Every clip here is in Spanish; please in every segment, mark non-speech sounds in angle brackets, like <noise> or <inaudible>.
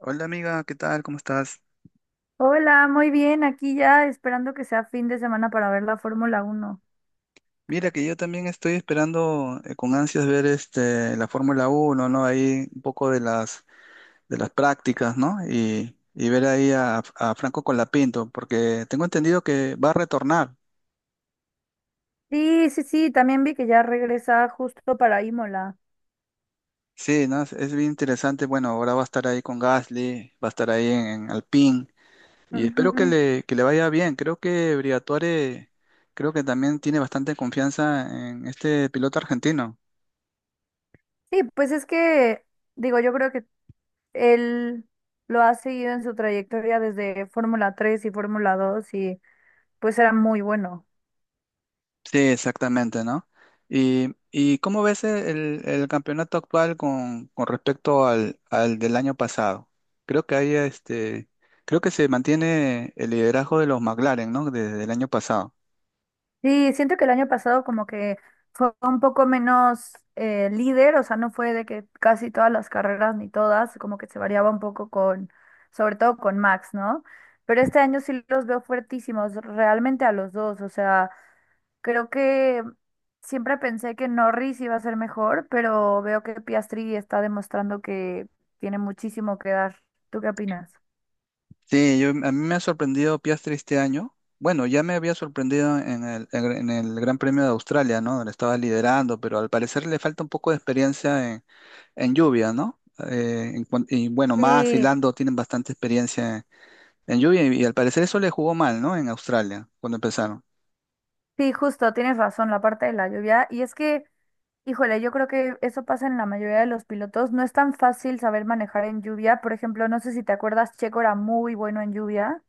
Hola amiga, ¿qué tal? ¿Cómo estás? Hola, muy bien, aquí ya esperando que sea fin de semana para ver la Fórmula 1. Mira que yo también estoy esperando con ansias ver la Fórmula Uno, ¿no? Ahí un poco de las prácticas, ¿no? Y ver ahí a Franco Colapinto, porque tengo entendido que va a retornar. Sí, sí, sí, también vi que ya regresa justo para Imola. Sí, ¿no? Es bien interesante. Bueno, ahora va a estar ahí con Gasly, va a estar ahí en Alpine y espero que Ujú. Que le vaya bien. Creo que Briatore, creo que también tiene bastante confianza en este piloto argentino. Sí, pues es que, digo, yo creo que él lo ha seguido en su trayectoria desde Fórmula 3 y Fórmula 2 y pues era muy bueno. Sí, exactamente, ¿no? ¿Y cómo ves el campeonato actual con respecto al del año pasado? Creo que hay creo que se mantiene el liderazgo de los McLaren, ¿no? Desde el año pasado. Sí, siento que el año pasado como que fue un poco menos líder. O sea, no fue de que casi todas las carreras ni todas, como que se variaba un poco con, sobre todo con Max, ¿no? Pero este año sí los veo fuertísimos, realmente a los dos. O sea, creo que siempre pensé que Norris iba a ser mejor, pero veo que Piastri está demostrando que tiene muchísimo que dar. ¿Tú qué opinas? Sí, a mí me ha sorprendido Piastri este año. Bueno, ya me había sorprendido en el Gran Premio de Australia, ¿no? Donde estaba liderando, pero al parecer le falta un poco de experiencia en lluvia, ¿no? Y bueno, Max y Sí, Lando tienen bastante experiencia en lluvia, y al parecer eso le jugó mal, ¿no? En Australia, cuando empezaron. sí, justo, tienes razón, la parte de la lluvia. Y es que híjole, yo creo que eso pasa en la mayoría de los pilotos. No es tan fácil saber manejar en lluvia. Por ejemplo, no sé si te acuerdas, Checo era muy bueno en lluvia.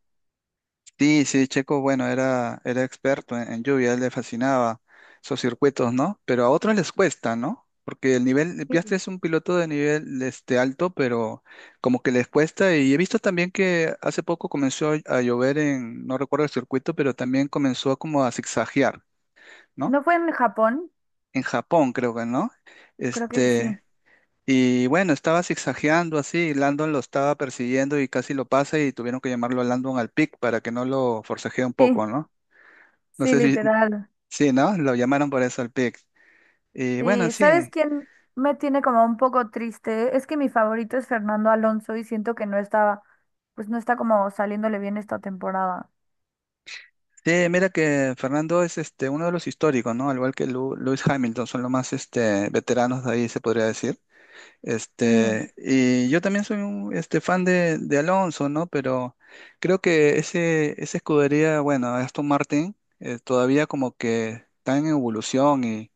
Sí, sí, Checo, bueno, era experto en lluvia, a él le fascinaba esos circuitos, ¿no? Pero a otros les cuesta, ¿no? Porque el nivel, Piastri Sí. es un piloto de nivel alto, pero como que les cuesta. Y he visto también que hace poco comenzó a llover no recuerdo el circuito, pero también comenzó como a zigzaguear, ¿no? ¿No fue en Japón? En Japón, creo que, ¿no? Creo que sí. Este, Y bueno, estaba zigzagueando así, y Landon lo estaba persiguiendo y casi lo pasa y tuvieron que llamarlo a Landon al pick para que no lo forcejee un poco, Sí, ¿no? No sí, sé si, literal. sí, ¿no? Lo llamaron por eso al pick. Y bueno, Sí, ¿sabes sí. quién me tiene como un poco triste? Es que mi favorito es Fernando Alonso y siento que pues no está como saliéndole bien esta temporada. Sí, mira que Fernando es uno de los históricos, ¿no? Al igual que Lewis Hamilton, son los más veteranos de ahí, se podría decir. Sí. Y yo también soy un fan de Alonso, ¿no? Pero creo que esa escudería, bueno, Aston Martin, todavía como que está en evolución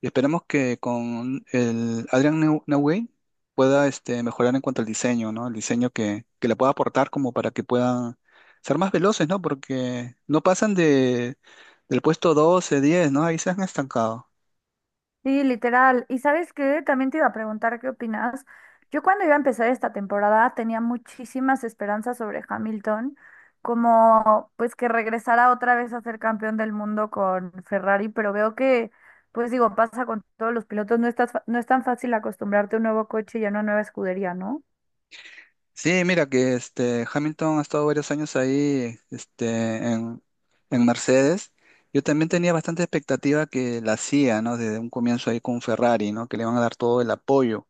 y esperemos que con el Newey pueda mejorar en cuanto al diseño, ¿no? El diseño que le pueda aportar como para que puedan ser más veloces, ¿no? Porque no pasan del puesto 12 diez, ¿no? Ahí se han estancado. Sí, literal. ¿Y sabes qué? También te iba a preguntar qué opinas. Yo cuando iba a empezar esta temporada tenía muchísimas esperanzas sobre Hamilton, como pues que regresara otra vez a ser campeón del mundo con Ferrari, pero veo que, pues digo, pasa con todos los pilotos, no es tan fácil acostumbrarte a un nuevo coche y a una nueva escudería, ¿no? Sí, mira que este Hamilton ha estado varios años ahí en, en Mercedes. Yo también tenía bastante expectativa que la CIA, ¿no? Desde un comienzo ahí con Ferrari, ¿no? Que le van a dar todo el apoyo.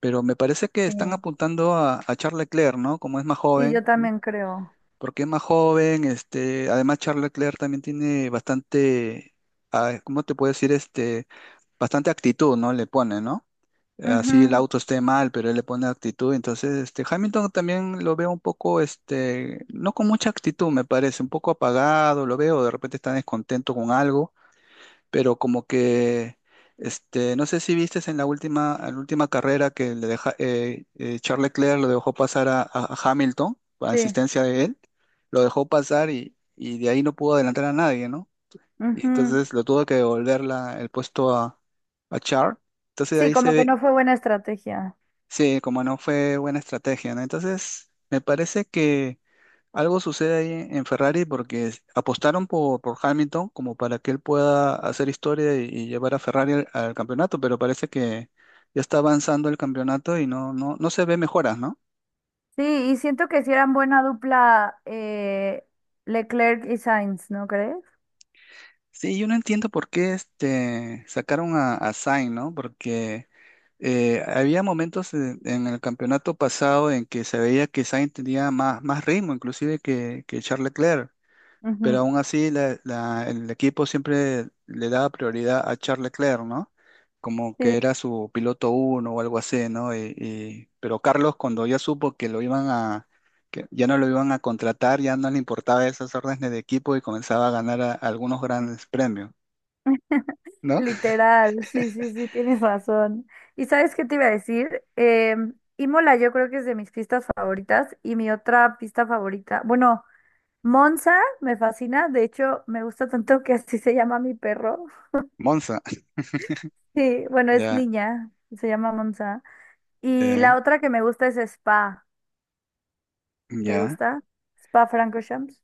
Pero me parece que Sí. están apuntando a Charles Leclerc, ¿no? Como es más Sí, joven, yo ¿no? también creo. Porque es más joven, además Charles Leclerc también tiene bastante, ah, ¿cómo te puedo decir? Bastante actitud, ¿no? Le pone, ¿no?, así el Ujú, auto esté mal, pero él le pone actitud. Entonces, Hamilton también lo veo un poco, no con mucha actitud, me parece, un poco apagado, lo veo, de repente está descontento con algo, pero como que, no sé si viste en en la última carrera que le deja, Charles Leclerc lo dejó pasar a Hamilton, a sí, insistencia de él, lo dejó pasar y de ahí no pudo adelantar a nadie, ¿no? Y ujú. entonces lo tuvo que devolver el puesto a Charles. Entonces de Sí, ahí se como que ve. no fue buena estrategia. Sí, como no fue buena estrategia, ¿no? Entonces, me parece que algo sucede ahí en Ferrari porque apostaron por Hamilton como para que él pueda hacer historia y llevar a Ferrari al campeonato, pero parece que ya está avanzando el campeonato y no se ve mejoras, ¿no? Sí, y siento que si eran buena dupla Leclerc y Sainz, ¿no crees? Sí, yo no entiendo por qué sacaron a Sainz, ¿no? Porque había momentos en el campeonato pasado en que se veía que Sainz tenía más ritmo, inclusive que Charles Leclerc, pero Ujú, aún así el equipo siempre le daba prioridad a Charles Leclerc, ¿no? Como que sí, era su piloto uno o algo así, ¿no? Pero Carlos, cuando ya supo que lo iban que ya no lo iban a contratar, ya no le importaba esas órdenes de equipo y comenzaba a ganar algunos grandes premios, ¿no? <laughs> literal, sí, sí, sí, tienes razón. ¿Y sabes qué te iba a decir? Imola yo creo que es de mis pistas favoritas y mi otra pista favorita, bueno, Monza me fascina, de hecho me gusta tanto que así se llama mi perro. Monza, Sí, bueno, es ya, niña, se llama Monza. Y la ya, otra que me gusta es Spa, ¿te ya. gusta? Spa Francorchamps,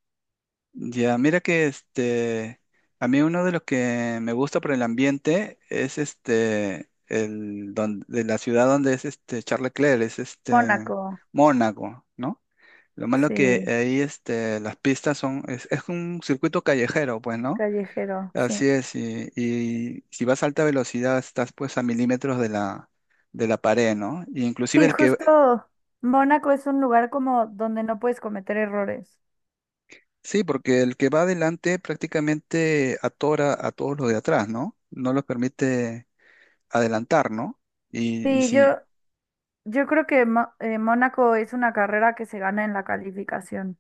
Ya, mira que a mí uno de los que me gusta por el ambiente es de la ciudad donde es Charles Leclerc, es Mónaco, Mónaco, ¿no? Lo malo que sí. ahí las pistas son, es un circuito callejero, pues, ¿no? Callejero, sí. Así es, y si vas a alta velocidad estás pues a milímetros de de la pared, ¿no? Y inclusive Sí, el que, justo Mónaco es un lugar como donde no puedes cometer errores. sí, porque el que va adelante prácticamente atora a todos los de atrás, ¿no? No los permite adelantar, ¿no? Y Sí, si, yo creo que Mónaco es una carrera que se gana en la calificación.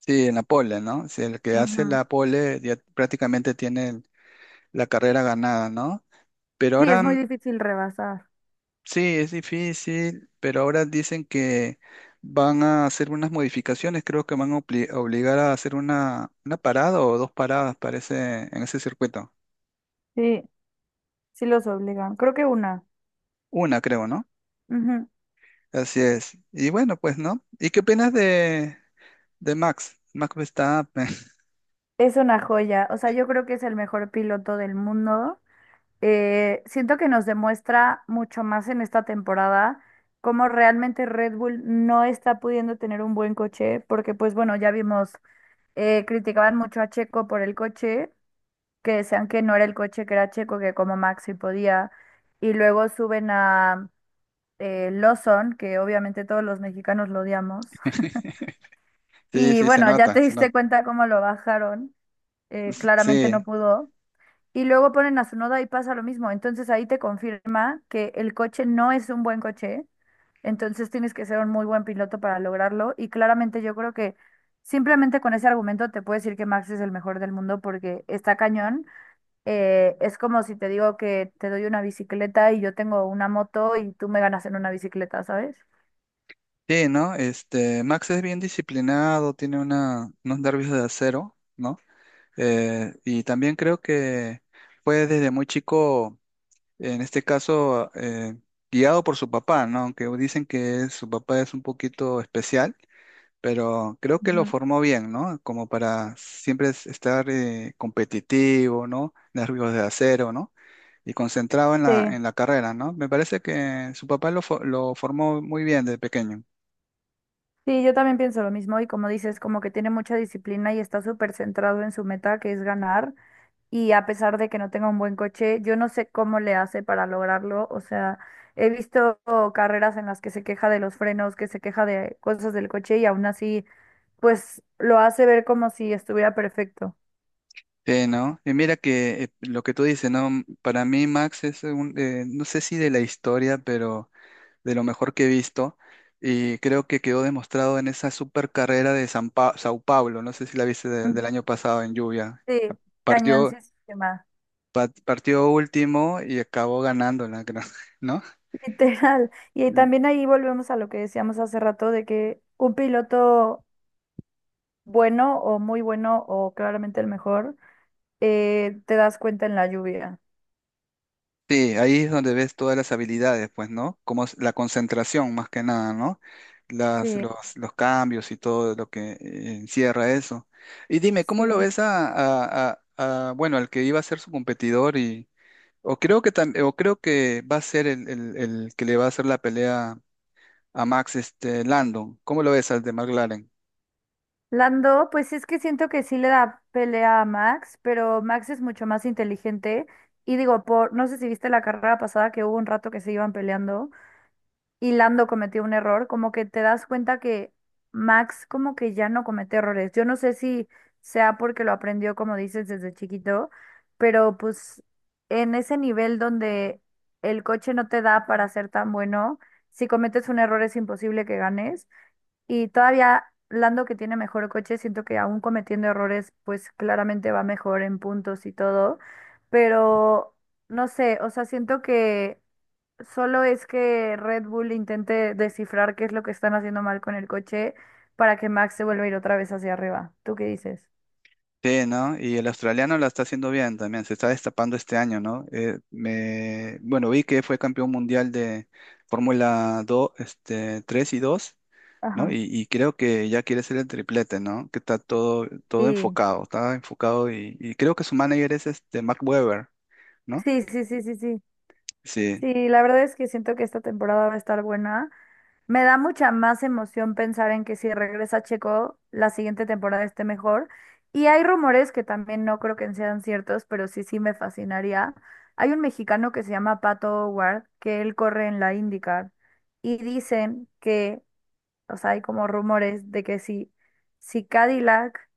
sí, en la pole, ¿no? Si el que hace Ujú. la pole ya prácticamente tiene la carrera ganada, ¿no? Pero Sí, es ahora muy difícil rebasar. sí, es difícil, pero ahora dicen que van a hacer unas modificaciones, creo que van a obligar a hacer una parada o dos paradas, parece, en ese circuito. Sí, sí los obligan. Creo que una. Una, creo, ¿no? Ujú. Así es. Y bueno, pues, ¿no? ¿Y qué opinas de Max? Max Verstappen. <laughs> Es una joya. O sea, yo creo que es el mejor piloto del mundo. Siento que nos demuestra mucho más en esta temporada cómo realmente Red Bull no está pudiendo tener un buen coche, porque pues bueno, ya vimos criticaban mucho a Checo por el coche, que decían que no era el coche, que era Checo, que como Max sí podía. Y luego suben a Lawson, que obviamente todos los mexicanos lo odiamos. Sí, Y sí, se bueno, ya nota, te se diste nota. cuenta cómo lo bajaron. Claramente no Sí. pudo. Y luego ponen a noda y pasa lo mismo. Entonces ahí te confirma que el coche no es un buen coche. Entonces tienes que ser un muy buen piloto para lograrlo. Y claramente yo creo que simplemente con ese argumento te puedo decir que Max es el mejor del mundo porque está cañón. Es como si te digo que te doy una bicicleta y yo tengo una moto y tú me ganas en una bicicleta, ¿sabes? Sí, ¿no? Max es bien disciplinado, tiene unos nervios de acero, ¿no? Y también creo que fue desde muy chico, en este caso, guiado por su papá, ¿no? Aunque dicen que su papá es un poquito especial, pero creo que lo Ujú. formó bien, ¿no? Como para siempre estar competitivo, ¿no? Nervios de acero, ¿no? Y concentrado en Sí, en la carrera, ¿no? Me parece que su papá lo, lo formó muy bien desde pequeño. sí, yo también pienso lo mismo y como dices, como que tiene mucha disciplina y está súper centrado en su meta, que es ganar. Y a pesar de que no tenga un buen coche, yo no sé cómo le hace para lograrlo. O sea, he visto carreras en las que se queja de los frenos, que se queja de cosas del coche y aún así, pues lo hace ver como si estuviera perfecto. Sí, ¿no? Y mira que lo que tú dices, ¿no? Para mí Max es un, no sé si de la historia, pero de lo mejor que he visto y creo que quedó demostrado en esa super carrera de Sao Paulo, no sé si la viste Ujú. del año pasado en lluvia. Sí, cañón Partió, sistema, Partió último y acabó ganándola, creo, <laughs> ¿no? <laughs> literal. Y también ahí volvemos a lo que decíamos hace rato de que un piloto bueno o muy bueno o claramente el mejor, te das cuenta en la lluvia. Sí, ahí es donde ves todas las habilidades, pues, ¿no? Como es la concentración más que nada, ¿no? Sí, Los cambios y todo lo que encierra eso. Y dime, ¿cómo sí. lo ves a, bueno, al que iba a ser su competidor o creo que o creo que va a ser el que le va a hacer la pelea a Max, Landon. ¿Cómo lo ves al de Mark? Lando, pues es que siento que sí le da pelea a Max, pero Max es mucho más inteligente. Y digo, por, no sé si viste la carrera pasada que hubo un rato que se iban peleando y Lando cometió un error, como que te das cuenta que Max como que ya no comete errores. Yo no sé si sea porque lo aprendió, como dices, desde chiquito, pero pues en ese nivel donde el coche no te da para ser tan bueno, si cometes un error es imposible que ganes. Y todavía Lando que tiene mejor coche, siento que aún cometiendo errores, pues claramente va mejor en puntos y todo, pero no sé, o sea, siento que solo es que Red Bull intente descifrar qué es lo que están haciendo mal con el coche para que Max se vuelva a ir otra vez hacia arriba. ¿Tú qué dices? Sí, ¿no? Y el australiano la está haciendo bien también, se está destapando este año, ¿no? Bueno, vi que fue campeón mundial de Fórmula 2, 3 y 2, ¿no? Ajá. Y creo que ya quiere ser el triplete, ¿no? Que está todo Sí, enfocado, está enfocado y creo que su manager es este Mark Webber, ¿no? sí, sí, sí, sí, sí. Sí. Sí, la verdad es que siento que esta temporada va a estar buena. Me da mucha más emoción pensar en que si regresa Checo, la siguiente temporada esté mejor. Y hay rumores que también no creo que sean ciertos, pero sí, sí me fascinaría. Hay un mexicano que se llama Pato Ward, que él corre en la IndyCar, y dicen que o sea, hay como rumores de que si Cadillac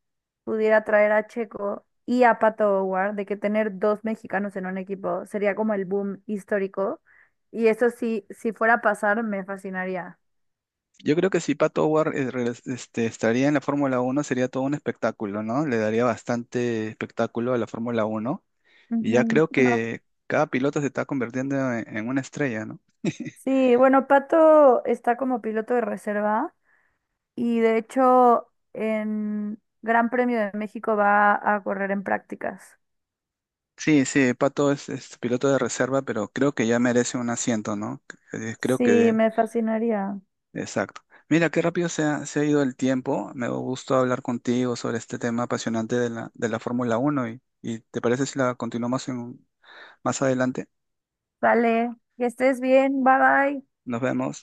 pudiera traer a Checo y a Pato O'Ward, de que tener dos mexicanos en un equipo sería como el boom histórico. Y eso sí, si fuera a pasar, me fascinaría. Yo creo que si Pato Howard estaría en la Fórmula uno sería todo un espectáculo, ¿no? Le daría bastante espectáculo a la Fórmula uno. Y ya Ujú. creo Bueno, que cada piloto se está convirtiendo en una estrella, ¿no? sí, bueno, Pato está como piloto de reserva y de hecho en Gran Premio de México va a correr en prácticas. Sí, sí, Pato es piloto de reserva, pero creo que ya merece un asiento, ¿no? Eh, Creo Sí, que, me fascinaría. exacto. Mira, qué rápido se ha ido el tiempo. Me dio gusto hablar contigo sobre este tema apasionante de de la Fórmula Uno y ¿te parece si la continuamos más adelante? Vale, que estés bien, bye bye. Nos vemos.